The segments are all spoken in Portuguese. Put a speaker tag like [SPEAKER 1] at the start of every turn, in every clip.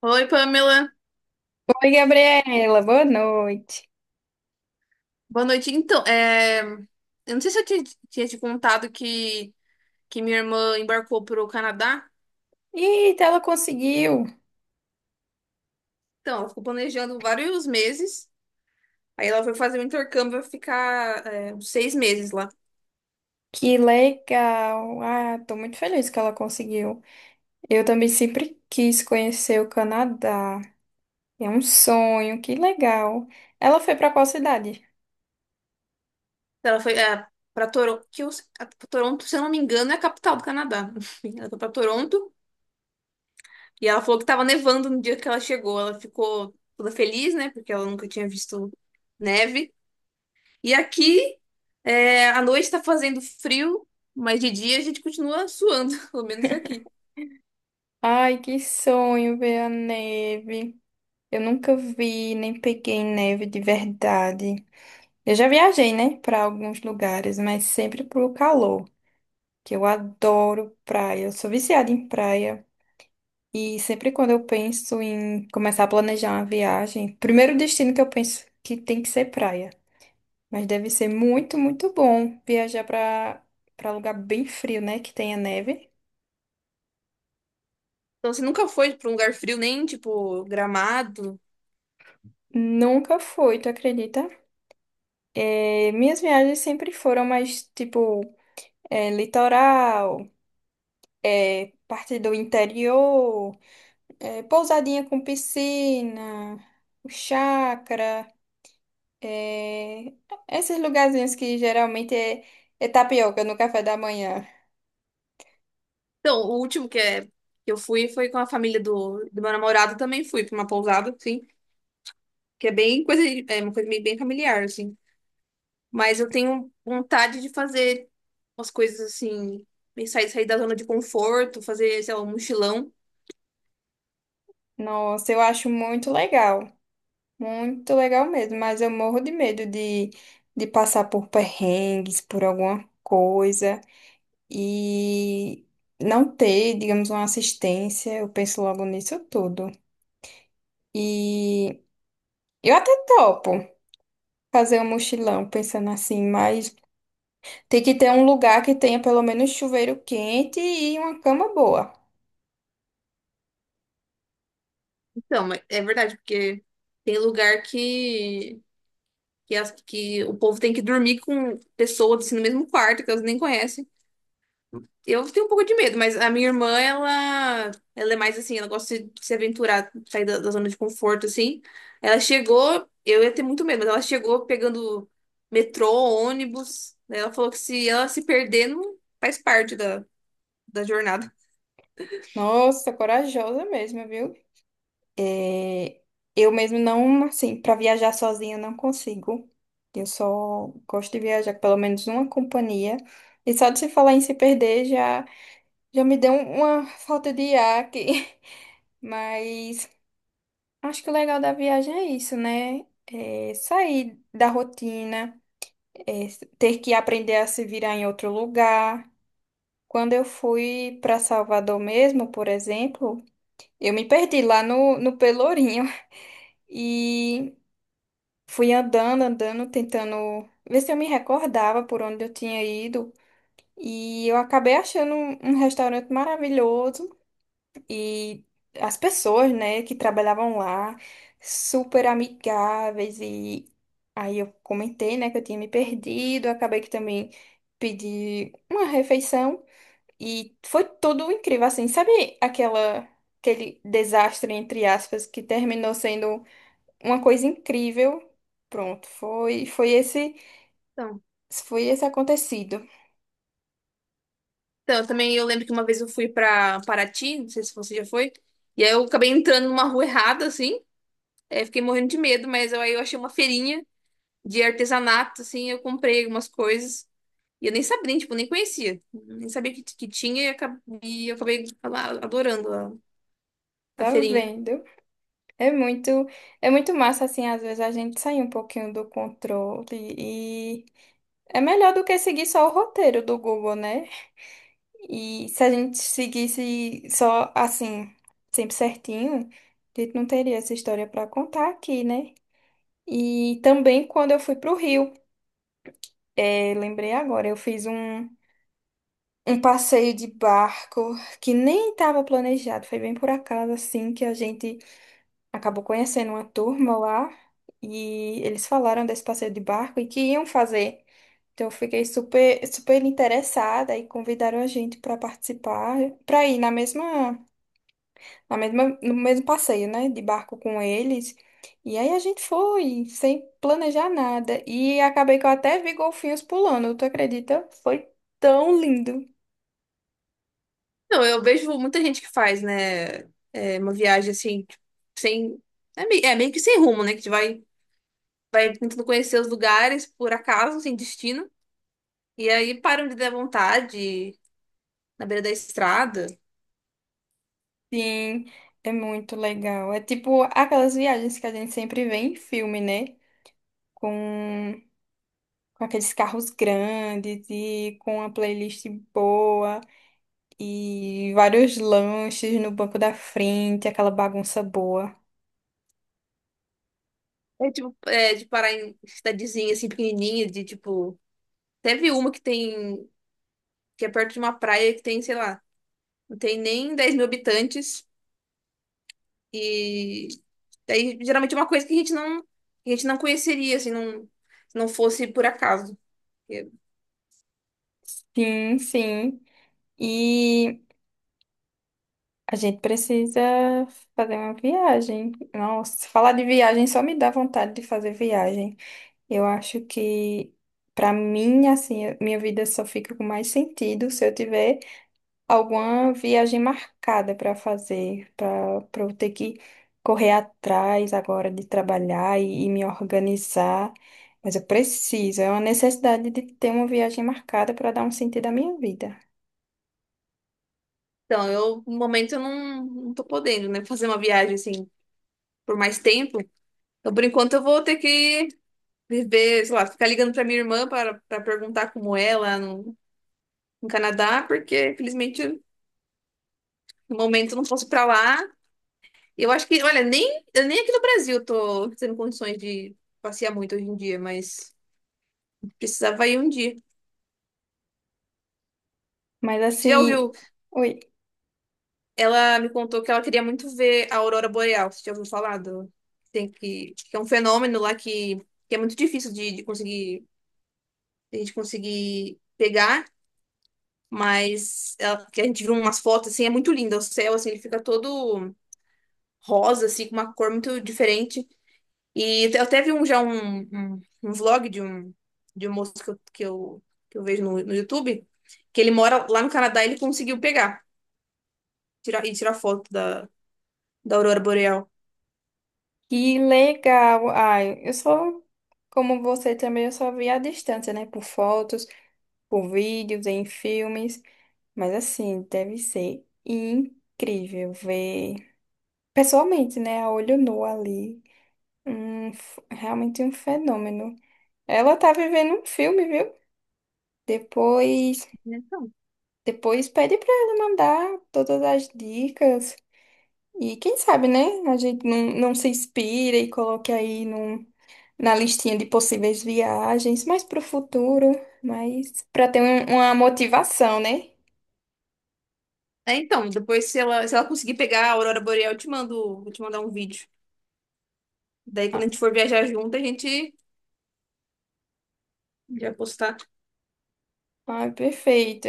[SPEAKER 1] Oi, Pamela.
[SPEAKER 2] Oi, Gabriela, boa noite.
[SPEAKER 1] Boa noite. Eu não sei se eu tinha te contado que minha irmã embarcou para o Canadá.
[SPEAKER 2] Eita, ela conseguiu!
[SPEAKER 1] Então, ela ficou planejando vários meses. Aí ela foi fazer um intercâmbio, vai ficar uns seis meses lá.
[SPEAKER 2] Que legal! Ah, tô muito feliz que ela conseguiu. Eu também sempre quis conhecer o Canadá. É um sonho, que legal. Ela foi pra qual cidade?
[SPEAKER 1] Então, ela foi para Toronto, Toronto, se eu não me engano, é a capital do Canadá. Enfim, ela foi para Toronto e ela falou que estava nevando no dia que ela chegou. Ela ficou toda feliz, né? Porque ela nunca tinha visto neve. E aqui, à noite tá fazendo frio, mas de dia a gente continua suando, pelo menos aqui.
[SPEAKER 2] Ai, que sonho ver a neve. Eu nunca vi, nem peguei neve de verdade. Eu já viajei, né, pra alguns lugares, mas sempre pro calor, que eu adoro praia. Eu sou viciada em praia. E sempre quando eu penso em começar a planejar uma viagem, primeiro destino que eu penso que tem que ser praia. Mas deve ser muito, muito bom viajar para lugar bem frio, né? Que tenha neve.
[SPEAKER 1] Então, você nunca foi pra um lugar frio, nem tipo Gramado?
[SPEAKER 2] Nunca fui, tu acredita? É, minhas viagens sempre foram mais tipo litoral, parte do interior, pousadinha com piscina, chácara. É, esses lugarzinhos que geralmente é tapioca no café da manhã.
[SPEAKER 1] Então, o último que eu fui foi com a família do meu namorado, também fui pra uma pousada, assim, que é bem coisa, é uma coisa meio bem familiar, assim. Mas eu tenho vontade de fazer umas coisas assim, meio sair da zona de conforto, fazer, sei lá, um mochilão.
[SPEAKER 2] Nossa, eu acho muito legal. Muito legal mesmo, mas eu morro de medo de passar por perrengues, por alguma coisa e não ter, digamos, uma assistência. Eu penso logo nisso tudo. E eu até topo fazer um mochilão, pensando assim, mas tem que ter um lugar que tenha pelo menos chuveiro quente e uma cama boa.
[SPEAKER 1] Então, mas é verdade, porque tem lugar que o povo tem que dormir com pessoas assim, no mesmo quarto, que elas nem conhecem. Eu tenho um pouco de medo, mas a minha irmã, ela é mais assim, ela gosta de se aventurar, sair da zona de conforto, assim. Ela chegou, eu ia ter muito medo, mas ela chegou pegando metrô, ônibus, né? Ela falou que se ela se perder, não faz parte da jornada.
[SPEAKER 2] Nossa, corajosa mesmo, viu? É, eu mesmo não, assim, para viajar sozinha eu não consigo. Eu só gosto de viajar com pelo menos uma companhia. E só de se falar em se perder, já me deu uma falta de ar aqui. Mas acho que o legal da viagem é isso, né? É sair da rotina, é ter que aprender a se virar em outro lugar. Quando eu fui para Salvador mesmo, por exemplo, eu me perdi lá no Pelourinho. E fui andando, andando, tentando ver se eu me recordava por onde eu tinha ido. E eu acabei achando um restaurante maravilhoso e as pessoas, né, que trabalhavam lá, super amigáveis. E aí eu comentei, né, que eu tinha me perdido. Acabei que também pedi uma refeição e foi tudo incrível, assim. Sabe aquela, aquele desastre, entre aspas, que terminou sendo uma coisa incrível. Pronto, foi esse
[SPEAKER 1] Então,
[SPEAKER 2] foi esse acontecido.
[SPEAKER 1] então, eu também eu lembro que uma vez eu fui pra Paraty, não sei se você já foi, e aí eu acabei entrando numa rua errada, assim. Fiquei morrendo de medo, mas eu, aí eu achei uma feirinha de artesanato, assim, eu comprei algumas coisas. E eu nem sabia, nem, tipo, nem conhecia. Nem sabia que tinha e eu acabei lá adorando a
[SPEAKER 2] Tá
[SPEAKER 1] feirinha.
[SPEAKER 2] vendo? É muito é muito massa assim, às vezes a gente sair um pouquinho do controle e é melhor do que seguir só o roteiro do Google, né? E se a gente seguisse só assim, sempre certinho, a gente não teria essa história para contar aqui, né? E também quando eu fui pro Rio, lembrei agora, eu fiz um passeio de barco que nem estava planejado. Foi bem por acaso, assim, que a gente acabou conhecendo uma turma lá e eles falaram desse passeio de barco e que iam fazer. Então, eu fiquei super, super interessada e convidaram a gente para participar, para ir na mesma, no mesmo passeio, né, de barco com eles. E aí a gente foi, sem planejar nada. E acabei que eu até vi golfinhos pulando, tu acredita? Foi tão lindo.
[SPEAKER 1] Não, eu vejo muita gente que faz, né? Uma viagem assim, tipo, sem. É meio que sem rumo, né? Que vai tentando conhecer os lugares por acaso, sem destino. E aí param de dar vontade na beira da estrada.
[SPEAKER 2] Sim, é muito legal. É tipo aquelas viagens que a gente sempre vê em filme, né? Com, com aqueles carros grandes e com uma playlist boa e vários lanches no banco da frente, aquela bagunça boa.
[SPEAKER 1] É tipo, de parar em cidadezinha assim, pequenininha, de tipo. Teve uma que tem. Que é perto de uma praia que tem, sei lá, não tem nem 10 mil habitantes. E daí geralmente é uma coisa que a gente não, que a gente não conheceria, assim, não, se não fosse por acaso.
[SPEAKER 2] Sim, sim. E a gente precisa fazer uma viagem. Nossa, falar de viagem só me dá vontade de fazer viagem. Eu acho que, pra mim, assim, a minha vida só fica com mais sentido se eu tiver alguma viagem marcada para fazer, para eu ter que correr atrás agora de trabalhar e me organizar. Mas eu preciso, é uma necessidade de ter uma viagem marcada para dar um sentido à minha vida.
[SPEAKER 1] Então, eu, no momento, eu não tô podendo, né, fazer uma viagem, assim, por mais tempo. Então, por enquanto, eu vou ter que viver, sei lá, ficar ligando pra minha irmã para perguntar como é lá no Canadá, porque, infelizmente, no momento, eu não posso ir pra lá. Eu acho que, olha, nem, eu nem aqui no Brasil tô tendo condições de passear muito hoje em dia, mas precisava ir um dia.
[SPEAKER 2] Mas
[SPEAKER 1] Você já
[SPEAKER 2] assim,
[SPEAKER 1] ouviu?
[SPEAKER 2] oi,
[SPEAKER 1] Ela me contou que ela queria muito ver a Aurora Boreal. Você já ouviu falar do... Que é um fenômeno lá que é muito difícil de conseguir, de a gente conseguir pegar, mas que a gente viu umas fotos, assim, é muito lindo. O céu, assim, ele fica todo rosa, assim, com uma cor muito diferente. E te- eu teve um, já um, um, um vlog de um moço que eu vejo no YouTube, que ele mora lá no Canadá e ele conseguiu pegar tirar, e tirar foto da Aurora Boreal.
[SPEAKER 2] que legal. Ai, eu sou como você também, eu só vi à distância, né? Por fotos, por vídeos, em filmes. Mas assim, deve ser incrível ver pessoalmente, né, a olho nu ali, realmente um fenômeno. Ela tá vivendo um filme, viu? Depois,
[SPEAKER 1] Então.
[SPEAKER 2] depois pede pra ela mandar todas as dicas e quem sabe, né, a gente não se inspira e coloque aí num, na listinha de possíveis viagens, mais pro futuro, mas pra uma motivação, né?
[SPEAKER 1] É, então, depois se se ela conseguir pegar a Aurora Boreal, eu te mando, vou te mandar um vídeo. Daí quando
[SPEAKER 2] Ah,
[SPEAKER 1] a gente for viajar junto, a gente já postar.
[SPEAKER 2] ah, perfeito.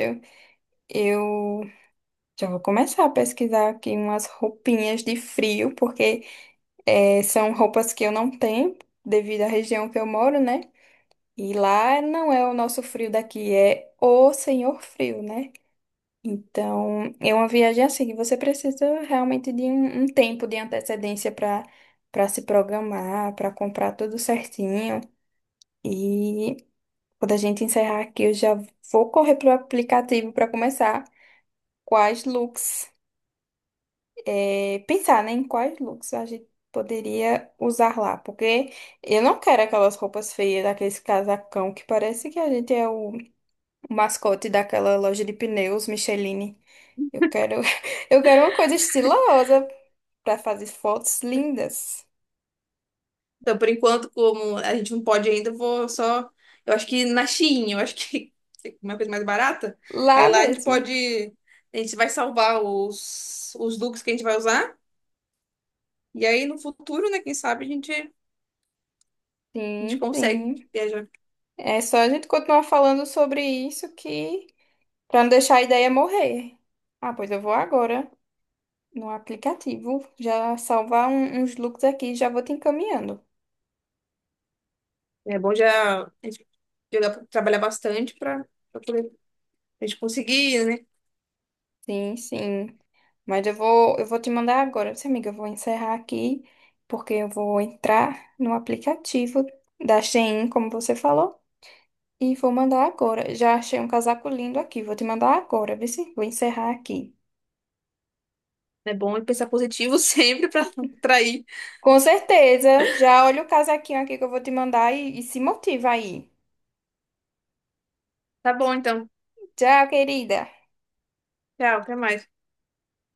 [SPEAKER 2] Eu já vou começar a pesquisar aqui umas roupinhas de frio, porque são roupas que eu não tenho, devido à região que eu moro, né? E lá não é o nosso frio daqui, é o senhor frio, né? Então, é uma viagem assim que você precisa realmente de um tempo de antecedência para se programar, para comprar tudo certinho. E quando a gente encerrar aqui, eu já vou correr pro aplicativo para começar quais looks. É, pensar, né, em quais looks a gente poderia usar lá, porque eu não quero aquelas roupas feias, aqueles casacão que parece que a gente é o mascote daquela loja de pneus Micheline. Eu quero, eu quero uma coisa estilosa para fazer fotos lindas
[SPEAKER 1] Então, por enquanto, como a gente não pode ainda, eu vou só. Eu acho que na Shein, eu acho que é uma coisa mais barata. Aí
[SPEAKER 2] lá
[SPEAKER 1] lá a gente
[SPEAKER 2] mesmo.
[SPEAKER 1] pode. A gente vai salvar os looks que a gente vai usar. E aí no futuro, né? Quem sabe a gente
[SPEAKER 2] Sim,
[SPEAKER 1] consegue
[SPEAKER 2] sim.
[SPEAKER 1] viajar.
[SPEAKER 2] É só a gente continuar falando sobre isso que para não deixar a ideia morrer. Ah, pois eu vou agora. No aplicativo. Já salvar uns looks aqui, já vou te encaminhando.
[SPEAKER 1] É bom já a gente trabalhar bastante para poder a gente conseguir, né?
[SPEAKER 2] Sim, sim. Mas eu vou te mandar agora. Sim, amiga, eu vou encerrar aqui, porque eu vou entrar no aplicativo da Shein, como você falou, e vou mandar agora. Já achei um casaco lindo aqui, vou te mandar agora, viu? Sim? Vou encerrar aqui.
[SPEAKER 1] É bom pensar positivo sempre para atrair.
[SPEAKER 2] Com certeza. Já olha o casaquinho aqui que eu vou te mandar e se motiva aí.
[SPEAKER 1] Tá bom, então.
[SPEAKER 2] Tchau, querida.
[SPEAKER 1] Tchau, até mais.